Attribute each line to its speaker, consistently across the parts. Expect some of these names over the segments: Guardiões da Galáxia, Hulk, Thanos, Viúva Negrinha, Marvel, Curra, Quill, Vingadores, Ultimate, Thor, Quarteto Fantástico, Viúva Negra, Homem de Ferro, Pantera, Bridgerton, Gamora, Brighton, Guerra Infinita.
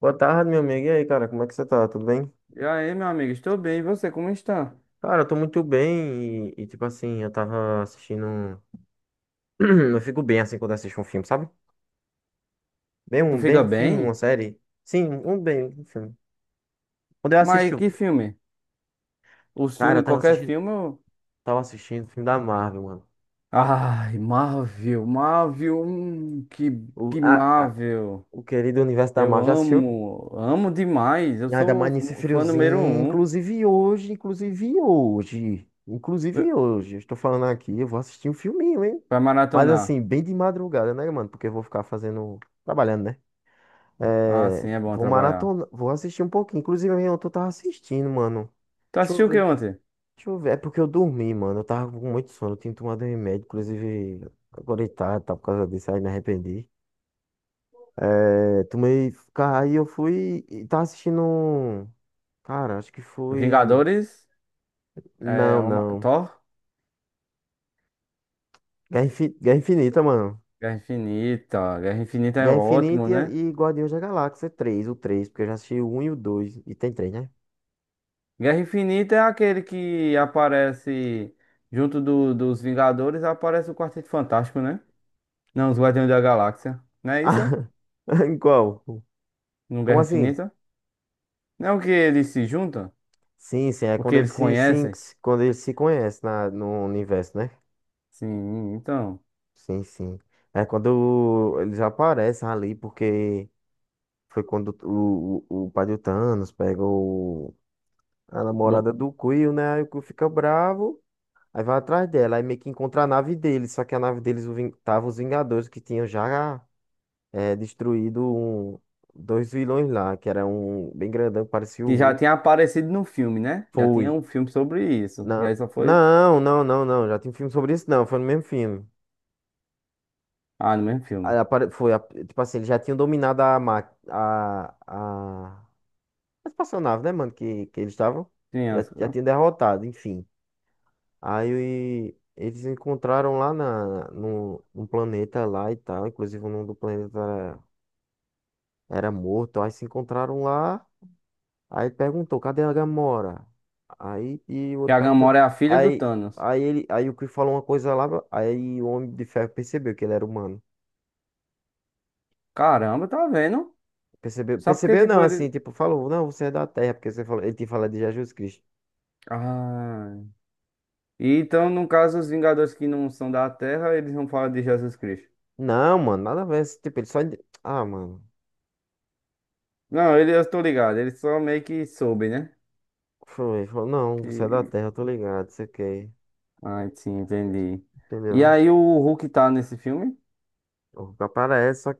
Speaker 1: Boa tarde, meu amigo. E aí, cara, como é que você tá? Tudo bem?
Speaker 2: E aí, meu amigo, estou bem. E você, como está?
Speaker 1: Cara, eu tô muito bem tipo assim, eu tava assistindo. Eu fico bem assim quando eu assisto um filme, sabe?
Speaker 2: Tu
Speaker 1: Bem
Speaker 2: fica
Speaker 1: um filme, uma
Speaker 2: bem?
Speaker 1: série. Sim, um bem um filme. Quando eu assisti,
Speaker 2: Mas que filme? Os
Speaker 1: cara, eu
Speaker 2: filmes,
Speaker 1: tava
Speaker 2: qualquer
Speaker 1: assistindo,
Speaker 2: filme.
Speaker 1: tava assistindo o filme da Marvel, mano.
Speaker 2: Ai, Marvel, Marvel, que,
Speaker 1: O,
Speaker 2: que
Speaker 1: a, a-
Speaker 2: Marvel.
Speaker 1: o querido universo da
Speaker 2: Eu
Speaker 1: Marvel. Já assistiu?
Speaker 2: amo, amo demais. Eu
Speaker 1: E ainda
Speaker 2: sou
Speaker 1: mais nesse
Speaker 2: o fã número
Speaker 1: friozinho,
Speaker 2: um.
Speaker 1: inclusive hoje, inclusive hoje,
Speaker 2: eh,
Speaker 1: inclusive hoje, eu estou falando aqui, eu vou assistir um filminho, hein?
Speaker 2: Pra
Speaker 1: Mas assim,
Speaker 2: maratonar.
Speaker 1: bem de madrugada, né, mano? Porque eu vou ficar fazendo, trabalhando, né?
Speaker 2: Ah,
Speaker 1: É,
Speaker 2: sim, é bom
Speaker 1: vou
Speaker 2: trabalhar.
Speaker 1: maratona, vou assistir um pouquinho. Inclusive, eu tô tava assistindo, mano.
Speaker 2: Tu
Speaker 1: Deixa eu
Speaker 2: assistiu o que
Speaker 1: ver,
Speaker 2: ontem?
Speaker 1: deixa eu ver. É porque eu dormi, mano. Eu tava com muito sono, eu tinha tomado um remédio, inclusive, agora tá por causa disso, aí me arrependi. É, tomei, aí eu fui e tava assistindo. Cara, acho que foi.
Speaker 2: Vingadores? É,
Speaker 1: Não,
Speaker 2: uma,
Speaker 1: não.
Speaker 2: Thor?
Speaker 1: Guerra Infinita, mano.
Speaker 2: Guerra Infinita. Guerra Infinita é
Speaker 1: Guerra
Speaker 2: ótimo,
Speaker 1: Infinita
Speaker 2: né?
Speaker 1: e Guardiões da Galáxia 3 o três, porque eu já assisti o um e o dois, e tem três, né?
Speaker 2: Guerra Infinita é aquele que aparece junto dos Vingadores, aparece o Quarteto Fantástico, né? Não, os Guardiões da Galáxia. Não é isso?
Speaker 1: Ah, em qual?
Speaker 2: No
Speaker 1: Como
Speaker 2: Guerra
Speaker 1: assim?
Speaker 2: Infinita? Não que eles se juntam?
Speaker 1: Sim, sim, é quando
Speaker 2: Porque
Speaker 1: eles
Speaker 2: eles
Speaker 1: se, sim,
Speaker 2: conhecem?
Speaker 1: quando eles se conhecem na, no universo, né?
Speaker 2: Sim, então.
Speaker 1: Sim, sim. É quando eles aparecem ali, porque foi quando o pai do Thanos pega a
Speaker 2: do-
Speaker 1: namorada do Quill, né? Aí o Quill fica bravo. Aí vai atrás dela, aí meio que encontra a nave deles, só que a nave deles, tava os Vingadores, que tinham já destruído dois vilões lá, que era um bem grandão, que parecia o
Speaker 2: que já
Speaker 1: Hulk.
Speaker 2: tinha aparecido no filme, né? Já tinha
Speaker 1: Foi.
Speaker 2: um filme sobre isso. E
Speaker 1: Na...
Speaker 2: aí só foi.
Speaker 1: Não, não, não, não, já tem filme sobre isso, não, foi no mesmo filme.
Speaker 2: Ah, no mesmo
Speaker 1: Aí
Speaker 2: filme.
Speaker 1: foi, tipo assim, eles já tinham dominado a, ma... a... a... a espaçonave, né, mano, que eles estavam,
Speaker 2: Sim,
Speaker 1: já, já tinham derrotado, enfim. Aí eles encontraram lá na, no, num planeta lá e tal. Inclusive o nome do planeta era, era morto. Aí se encontraram lá. Aí ele perguntou, cadê a Gamora? Aí e o
Speaker 2: que
Speaker 1: outro
Speaker 2: a
Speaker 1: perguntando.
Speaker 2: Gamora é a filha do
Speaker 1: Aí,
Speaker 2: Thanos.
Speaker 1: aí o Chris falou uma coisa lá. Aí o Homem de Ferro percebeu que ele era humano.
Speaker 2: Caramba, tá vendo?
Speaker 1: Percebeu,
Speaker 2: Só porque,
Speaker 1: percebeu
Speaker 2: tipo,
Speaker 1: não,
Speaker 2: ele.
Speaker 1: assim, tipo, falou, não, você é da Terra, porque você falou, ele tinha falado de Jesus Cristo.
Speaker 2: Ah. E então, no caso, os Vingadores que não são da Terra, eles não falam de Jesus Cristo.
Speaker 1: Não, mano, nada a ver. Assim, tipo, ele só. Ah, mano.
Speaker 2: Não, ele, eu tô ligado, ele só meio que soube, né?
Speaker 1: Foi, ele falou, não, você é da
Speaker 2: Que...
Speaker 1: Terra, eu tô ligado, sei o que.
Speaker 2: Ah, sim, entendi. E
Speaker 1: Entendeu, né?
Speaker 2: aí o Hulk tá nesse filme?
Speaker 1: O que aparece, só,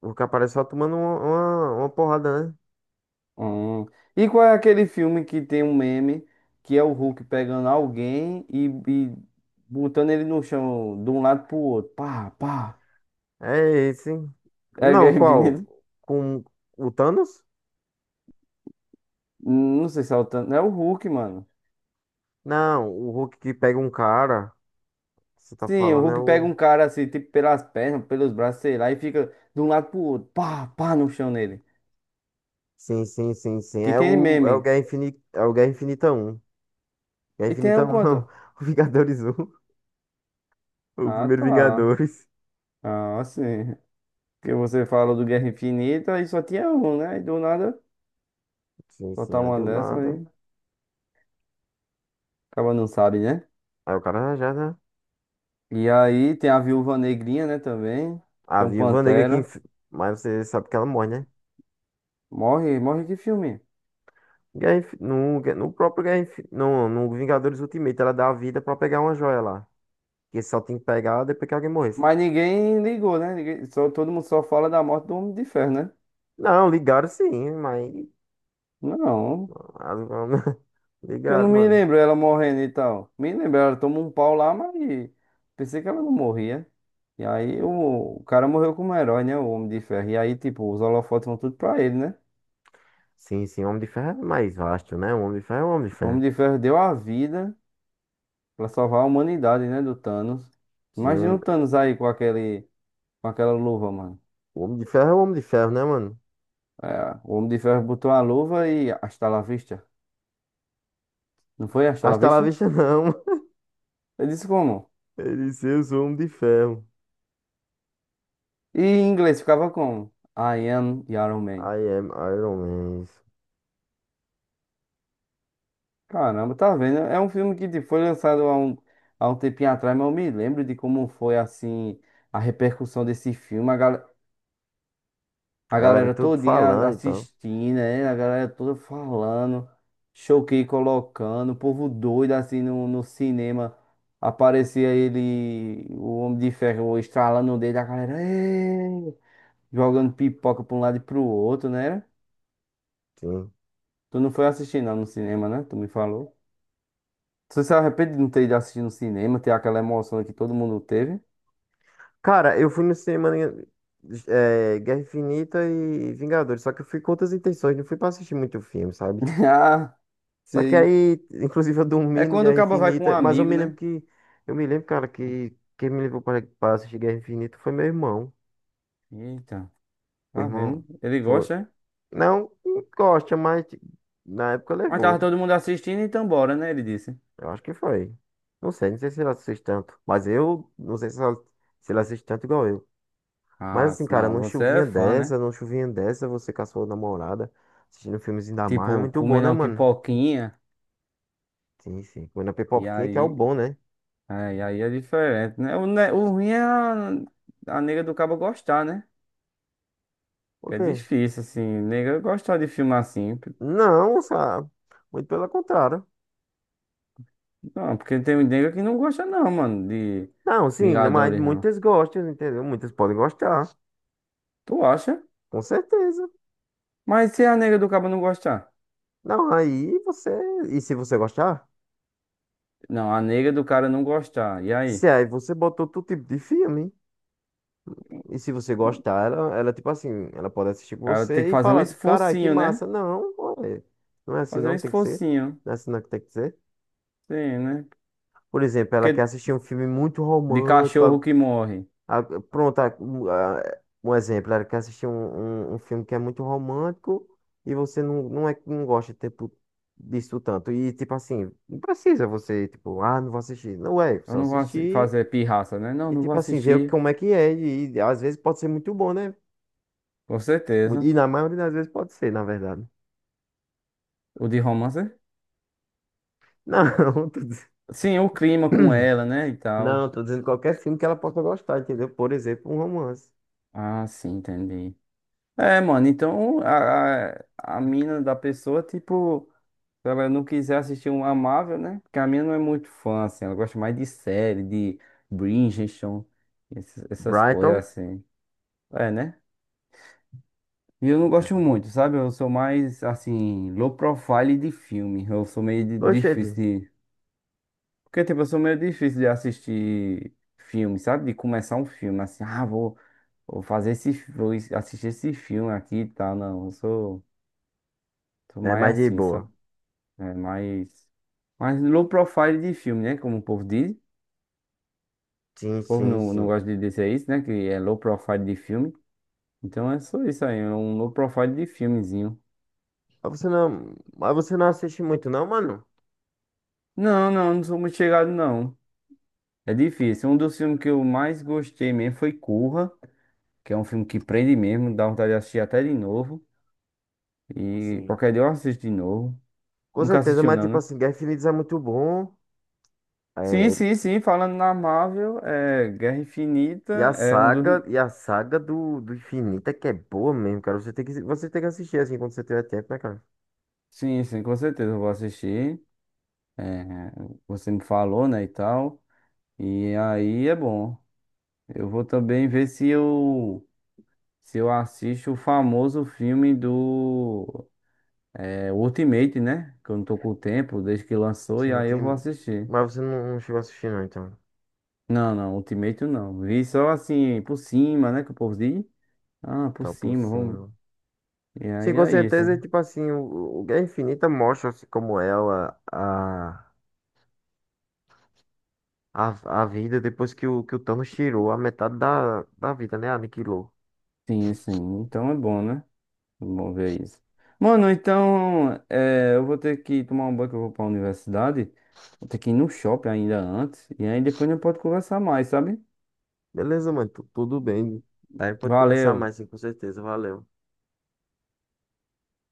Speaker 1: o que aparece é só tomando uma porrada, né?
Speaker 2: Hum. E qual é aquele filme que tem um meme que é o Hulk pegando alguém e botando ele no chão de um lado pro outro? Pá, pá.
Speaker 1: É esse.
Speaker 2: É a
Speaker 1: Não,
Speaker 2: Guerra
Speaker 1: qual?
Speaker 2: Infinita?
Speaker 1: Com o Thanos?
Speaker 2: Não sei se é o tanto. É o Hulk, mano.
Speaker 1: Não, o Hulk que pega um cara. Você tá
Speaker 2: Sim, o
Speaker 1: falando é
Speaker 2: Hulk pega
Speaker 1: o.
Speaker 2: um cara assim, tipo, pelas pernas, pelos braços, sei lá, e fica de um lado pro outro, pá, pá, no chão nele.
Speaker 1: Sim, sim, sim, sim.
Speaker 2: Que
Speaker 1: É
Speaker 2: tem
Speaker 1: o, é o
Speaker 2: meme.
Speaker 1: Guerra Infinita, é o Guerra Infinita um. Guerra
Speaker 2: E tem
Speaker 1: Infinita
Speaker 2: um
Speaker 1: um, não.
Speaker 2: quanto?
Speaker 1: O Vingadores um. O
Speaker 2: Ah,
Speaker 1: primeiro
Speaker 2: tá.
Speaker 1: Vingadores.
Speaker 2: Ah, sim. Porque você falou do Guerra Infinita e só tinha um, né? E do nada,
Speaker 1: Sim,
Speaker 2: só
Speaker 1: sim,
Speaker 2: tá
Speaker 1: aí
Speaker 2: uma
Speaker 1: deu
Speaker 2: dessa
Speaker 1: nada.
Speaker 2: aí. Acaba não sabe, né?
Speaker 1: Aí o cara já, né?
Speaker 2: E aí tem a Viúva Negrinha, né, também.
Speaker 1: A
Speaker 2: Tem um
Speaker 1: Viúva Negra que.
Speaker 2: Pantera.
Speaker 1: Mas você sabe que ela morre, né?
Speaker 2: Morre, morre que filme.
Speaker 1: No, no próprio no Vingadores Ultimate, ela dá a vida pra pegar uma joia lá. Que só tem que pegar depois que alguém morresse.
Speaker 2: Mas ninguém ligou, né? Ninguém, só, todo mundo só fala da morte do Homem de Ferro, né?
Speaker 1: Não, ligaram, sim, mas.
Speaker 2: Não, que eu não
Speaker 1: Ligaram,
Speaker 2: me
Speaker 1: mano.
Speaker 2: lembro ela morrendo e tal. Me lembro, ela tomou um pau lá, mas pensei que ela não morria. E aí o cara morreu como herói, né? O Homem de Ferro. E aí, tipo, os holofotes vão tudo pra ele, né?
Speaker 1: Sim, sim, Homem de Ferro é mais vasto, né? O Homem de Ferro é o Homem de
Speaker 2: O Homem
Speaker 1: Ferro.
Speaker 2: de Ferro deu a vida pra salvar a humanidade, né? Do Thanos.
Speaker 1: Sim,
Speaker 2: Imagina
Speaker 1: o
Speaker 2: o Thanos aí com aquela luva, mano.
Speaker 1: Homem de Ferro é o Homem de Ferro, né, mano?
Speaker 2: É, o Homem de Ferro botou a luva e hasta la vista. Não foi hasta la
Speaker 1: Hasta lá
Speaker 2: vista?
Speaker 1: vista, não.
Speaker 2: Ele disse como?
Speaker 1: Ele disse, eu sou o Homem de Ferro.
Speaker 2: E em inglês ficava como? I am Iron Man.
Speaker 1: I am Iron Man.
Speaker 2: Caramba, tá vendo? É um filme que tipo, foi lançado há um tempinho atrás, mas eu me lembro de como foi assim a repercussão desse filme,
Speaker 1: A
Speaker 2: a
Speaker 1: galera
Speaker 2: galera
Speaker 1: tudo
Speaker 2: todinha
Speaker 1: falando e tal.
Speaker 2: assistindo, né? A galera toda falando, choquei colocando, o povo doido assim no cinema. Aparecia ele, o Homem de Ferro, estralando o dedo, a galera "Ê!", jogando pipoca pra um lado e pro outro, né?
Speaker 1: Sim.
Speaker 2: Tu não foi assistir não no cinema, né? Tu me falou. Você se arrepende de não ter ido assistir no cinema, ter aquela emoção que todo mundo teve?
Speaker 1: Cara, eu fui no cinema Guerra Infinita e Vingadores, só que eu fui com outras intenções, não fui pra assistir muito filme, sabe?
Speaker 2: Ah,
Speaker 1: Só que
Speaker 2: sei.
Speaker 1: aí, inclusive, eu
Speaker 2: É
Speaker 1: dormi no
Speaker 2: quando o
Speaker 1: Guerra
Speaker 2: cabo vai com um
Speaker 1: Infinita, mas eu
Speaker 2: amigo,
Speaker 1: me
Speaker 2: né?
Speaker 1: lembro que, eu me lembro, cara, que quem me levou para pra assistir Guerra Infinita foi meu irmão.
Speaker 2: Eita,
Speaker 1: O
Speaker 2: tá
Speaker 1: irmão
Speaker 2: vendo? Ele
Speaker 1: foi.
Speaker 2: gosta, é?
Speaker 1: Não, um gosta, mas na época
Speaker 2: Mas tava
Speaker 1: levou.
Speaker 2: todo mundo assistindo, então bora, né? Ele disse.
Speaker 1: Eu acho que foi. Não sei, não sei se ele assiste tanto, mas eu não sei se ele assiste tanto igual eu. Mas
Speaker 2: Ah,
Speaker 1: assim, cara,
Speaker 2: não, você é fã, né?
Speaker 1: numa chuvinha dessa, você com a sua namorada, assistindo um filmezinho da Marvel, é
Speaker 2: Tipo,
Speaker 1: muito bom,
Speaker 2: comendo
Speaker 1: né,
Speaker 2: uma
Speaker 1: mano?
Speaker 2: pipoquinha.
Speaker 1: Sim, sim. Comendo a
Speaker 2: E
Speaker 1: pipoquinha, que é o
Speaker 2: aí,
Speaker 1: bom, né?
Speaker 2: e aí é diferente, né? O ruim é a nega do cabo gostar, né?
Speaker 1: Por
Speaker 2: Que é
Speaker 1: quê?
Speaker 2: difícil, assim, nega gostar de filme assim.
Speaker 1: Não, sabe? Muito pelo contrário.
Speaker 2: Não, porque tem nega que não gosta, não, mano, de
Speaker 1: Não, sim, né, mas
Speaker 2: Vingadores, não.
Speaker 1: muitas gostam, entendeu? Muitas podem gostar,
Speaker 2: Tu acha?
Speaker 1: com certeza.
Speaker 2: Mas se a nega do cara não gostar?
Speaker 1: Não, aí você. E se você gostar?
Speaker 2: Não, a nega do cara não gostar. E aí?
Speaker 1: Se aí
Speaker 2: O
Speaker 1: você botou todo tipo de filme. E se você gostar, ela, tipo assim, ela pode assistir com
Speaker 2: cara tem que
Speaker 1: você e
Speaker 2: fazer um
Speaker 1: falar, tipo, carai, que
Speaker 2: esforcinho,
Speaker 1: massa.
Speaker 2: né?
Speaker 1: Não, ué, não é assim,
Speaker 2: Fazer um
Speaker 1: não tem que ser.
Speaker 2: esforcinho.
Speaker 1: Não é assim, não que tem que ser.
Speaker 2: Sim, né?
Speaker 1: Por exemplo, ela quer
Speaker 2: Porque
Speaker 1: assistir um filme muito
Speaker 2: de
Speaker 1: romântico.
Speaker 2: cachorro que morre.
Speaker 1: Pronto, um exemplo, ela quer assistir um filme que é muito romântico, e você não gosta, tipo, disso tanto. E tipo assim, não precisa você, tipo, ah, não vou assistir. Não é,
Speaker 2: Eu
Speaker 1: só
Speaker 2: não vou
Speaker 1: assistir
Speaker 2: fazer pirraça, né? Não,
Speaker 1: e
Speaker 2: não vou
Speaker 1: tipo assim, ver
Speaker 2: assistir.
Speaker 1: como é que é. E às vezes pode ser muito bom, né?
Speaker 2: Com
Speaker 1: Muito- E
Speaker 2: certeza.
Speaker 1: na maioria das vezes pode ser, na verdade.
Speaker 2: O de romance?
Speaker 1: Não, tô diz-
Speaker 2: Sim, o clima com ela, né? E tal.
Speaker 1: não, tô dizendo qualquer filme que ela possa gostar, entendeu? Por exemplo, um romance.
Speaker 2: Ah, sim, entendi. É, mano, então a mina da pessoa, tipo. Se ela não quiser assistir um Amável, né? Porque a minha não é muito fã, assim. Ela gosta mais de série, de Bridgerton, essas coisas,
Speaker 1: Brighton.
Speaker 2: assim. É, né? E eu não gosto muito, sabe? Eu sou mais, assim, low profile de filme. Eu sou meio difícil
Speaker 1: Oxente.
Speaker 2: de... Porque, tipo, eu sou meio difícil de assistir filme, sabe? De começar um filme, assim. Ah, vou fazer esse... Vou assistir esse filme aqui e tal. Não, eu sou
Speaker 1: É
Speaker 2: mais
Speaker 1: mais de
Speaker 2: assim, sabe?
Speaker 1: boa.
Speaker 2: É, mais... Mais low profile de filme, né? Como o povo diz.
Speaker 1: Sim,
Speaker 2: O povo
Speaker 1: sim,
Speaker 2: não
Speaker 1: sim.
Speaker 2: gosta de dizer isso, né? Que é low profile de filme. Então é só isso aí, é um low profile de filmezinho.
Speaker 1: Mas você não assiste muito, não, mano?
Speaker 2: Não, não, não sou muito chegado, não. É difícil. Um dos filmes que eu mais gostei mesmo foi Curra, que é um filme que prende mesmo, dá vontade de assistir até de novo. E
Speaker 1: Sim.
Speaker 2: qualquer dia eu assisto de novo.
Speaker 1: Com
Speaker 2: Nunca
Speaker 1: certeza,
Speaker 2: assistiu,
Speaker 1: mas
Speaker 2: não,
Speaker 1: tipo
Speaker 2: né?
Speaker 1: assim, Guerra Infinita é muito bom.
Speaker 2: Sim,
Speaker 1: É,
Speaker 2: sim, sim. Falando na Marvel, é Guerra Infinita
Speaker 1: e a
Speaker 2: é um dos.
Speaker 1: saga, e a saga do, do Infinita é que é boa mesmo, cara. Você tem que assistir assim quando você tiver tempo, né, cara?
Speaker 2: Sim, sim, com certeza eu vou assistir. É, você me falou, né, e tal. E aí é bom. Eu vou também ver se eu assisto o famoso filme do Ultimate, né? Que eu não tô com o tempo desde que lançou
Speaker 1: Se
Speaker 2: e
Speaker 1: não
Speaker 2: aí eu vou
Speaker 1: tem,
Speaker 2: assistir.
Speaker 1: mas você não, não chegou a assistir, não, então.
Speaker 2: Não, não, Ultimate não. Vi só assim por cima, né? Que o povo diz. Ah, por
Speaker 1: Tá por
Speaker 2: cima, vamos.
Speaker 1: cima.
Speaker 2: E aí
Speaker 1: Sim, com
Speaker 2: é isso.
Speaker 1: certeza, tipo assim, o Guerra Infinita mostra assim, como é a vida depois que o Thanos tirou a metade da, da vida, né? Aniquilou.
Speaker 2: Sim, sim. Então é bom, né? É bom ver isso. Mano, então eu vou ter que tomar um banho que eu vou pra universidade. Vou ter que ir no shopping ainda antes. E aí depois a gente pode conversar mais, sabe?
Speaker 1: Beleza, mano. Tudo bem. Aí pode conversar
Speaker 2: Valeu.
Speaker 1: mais, sim, com certeza. Valeu.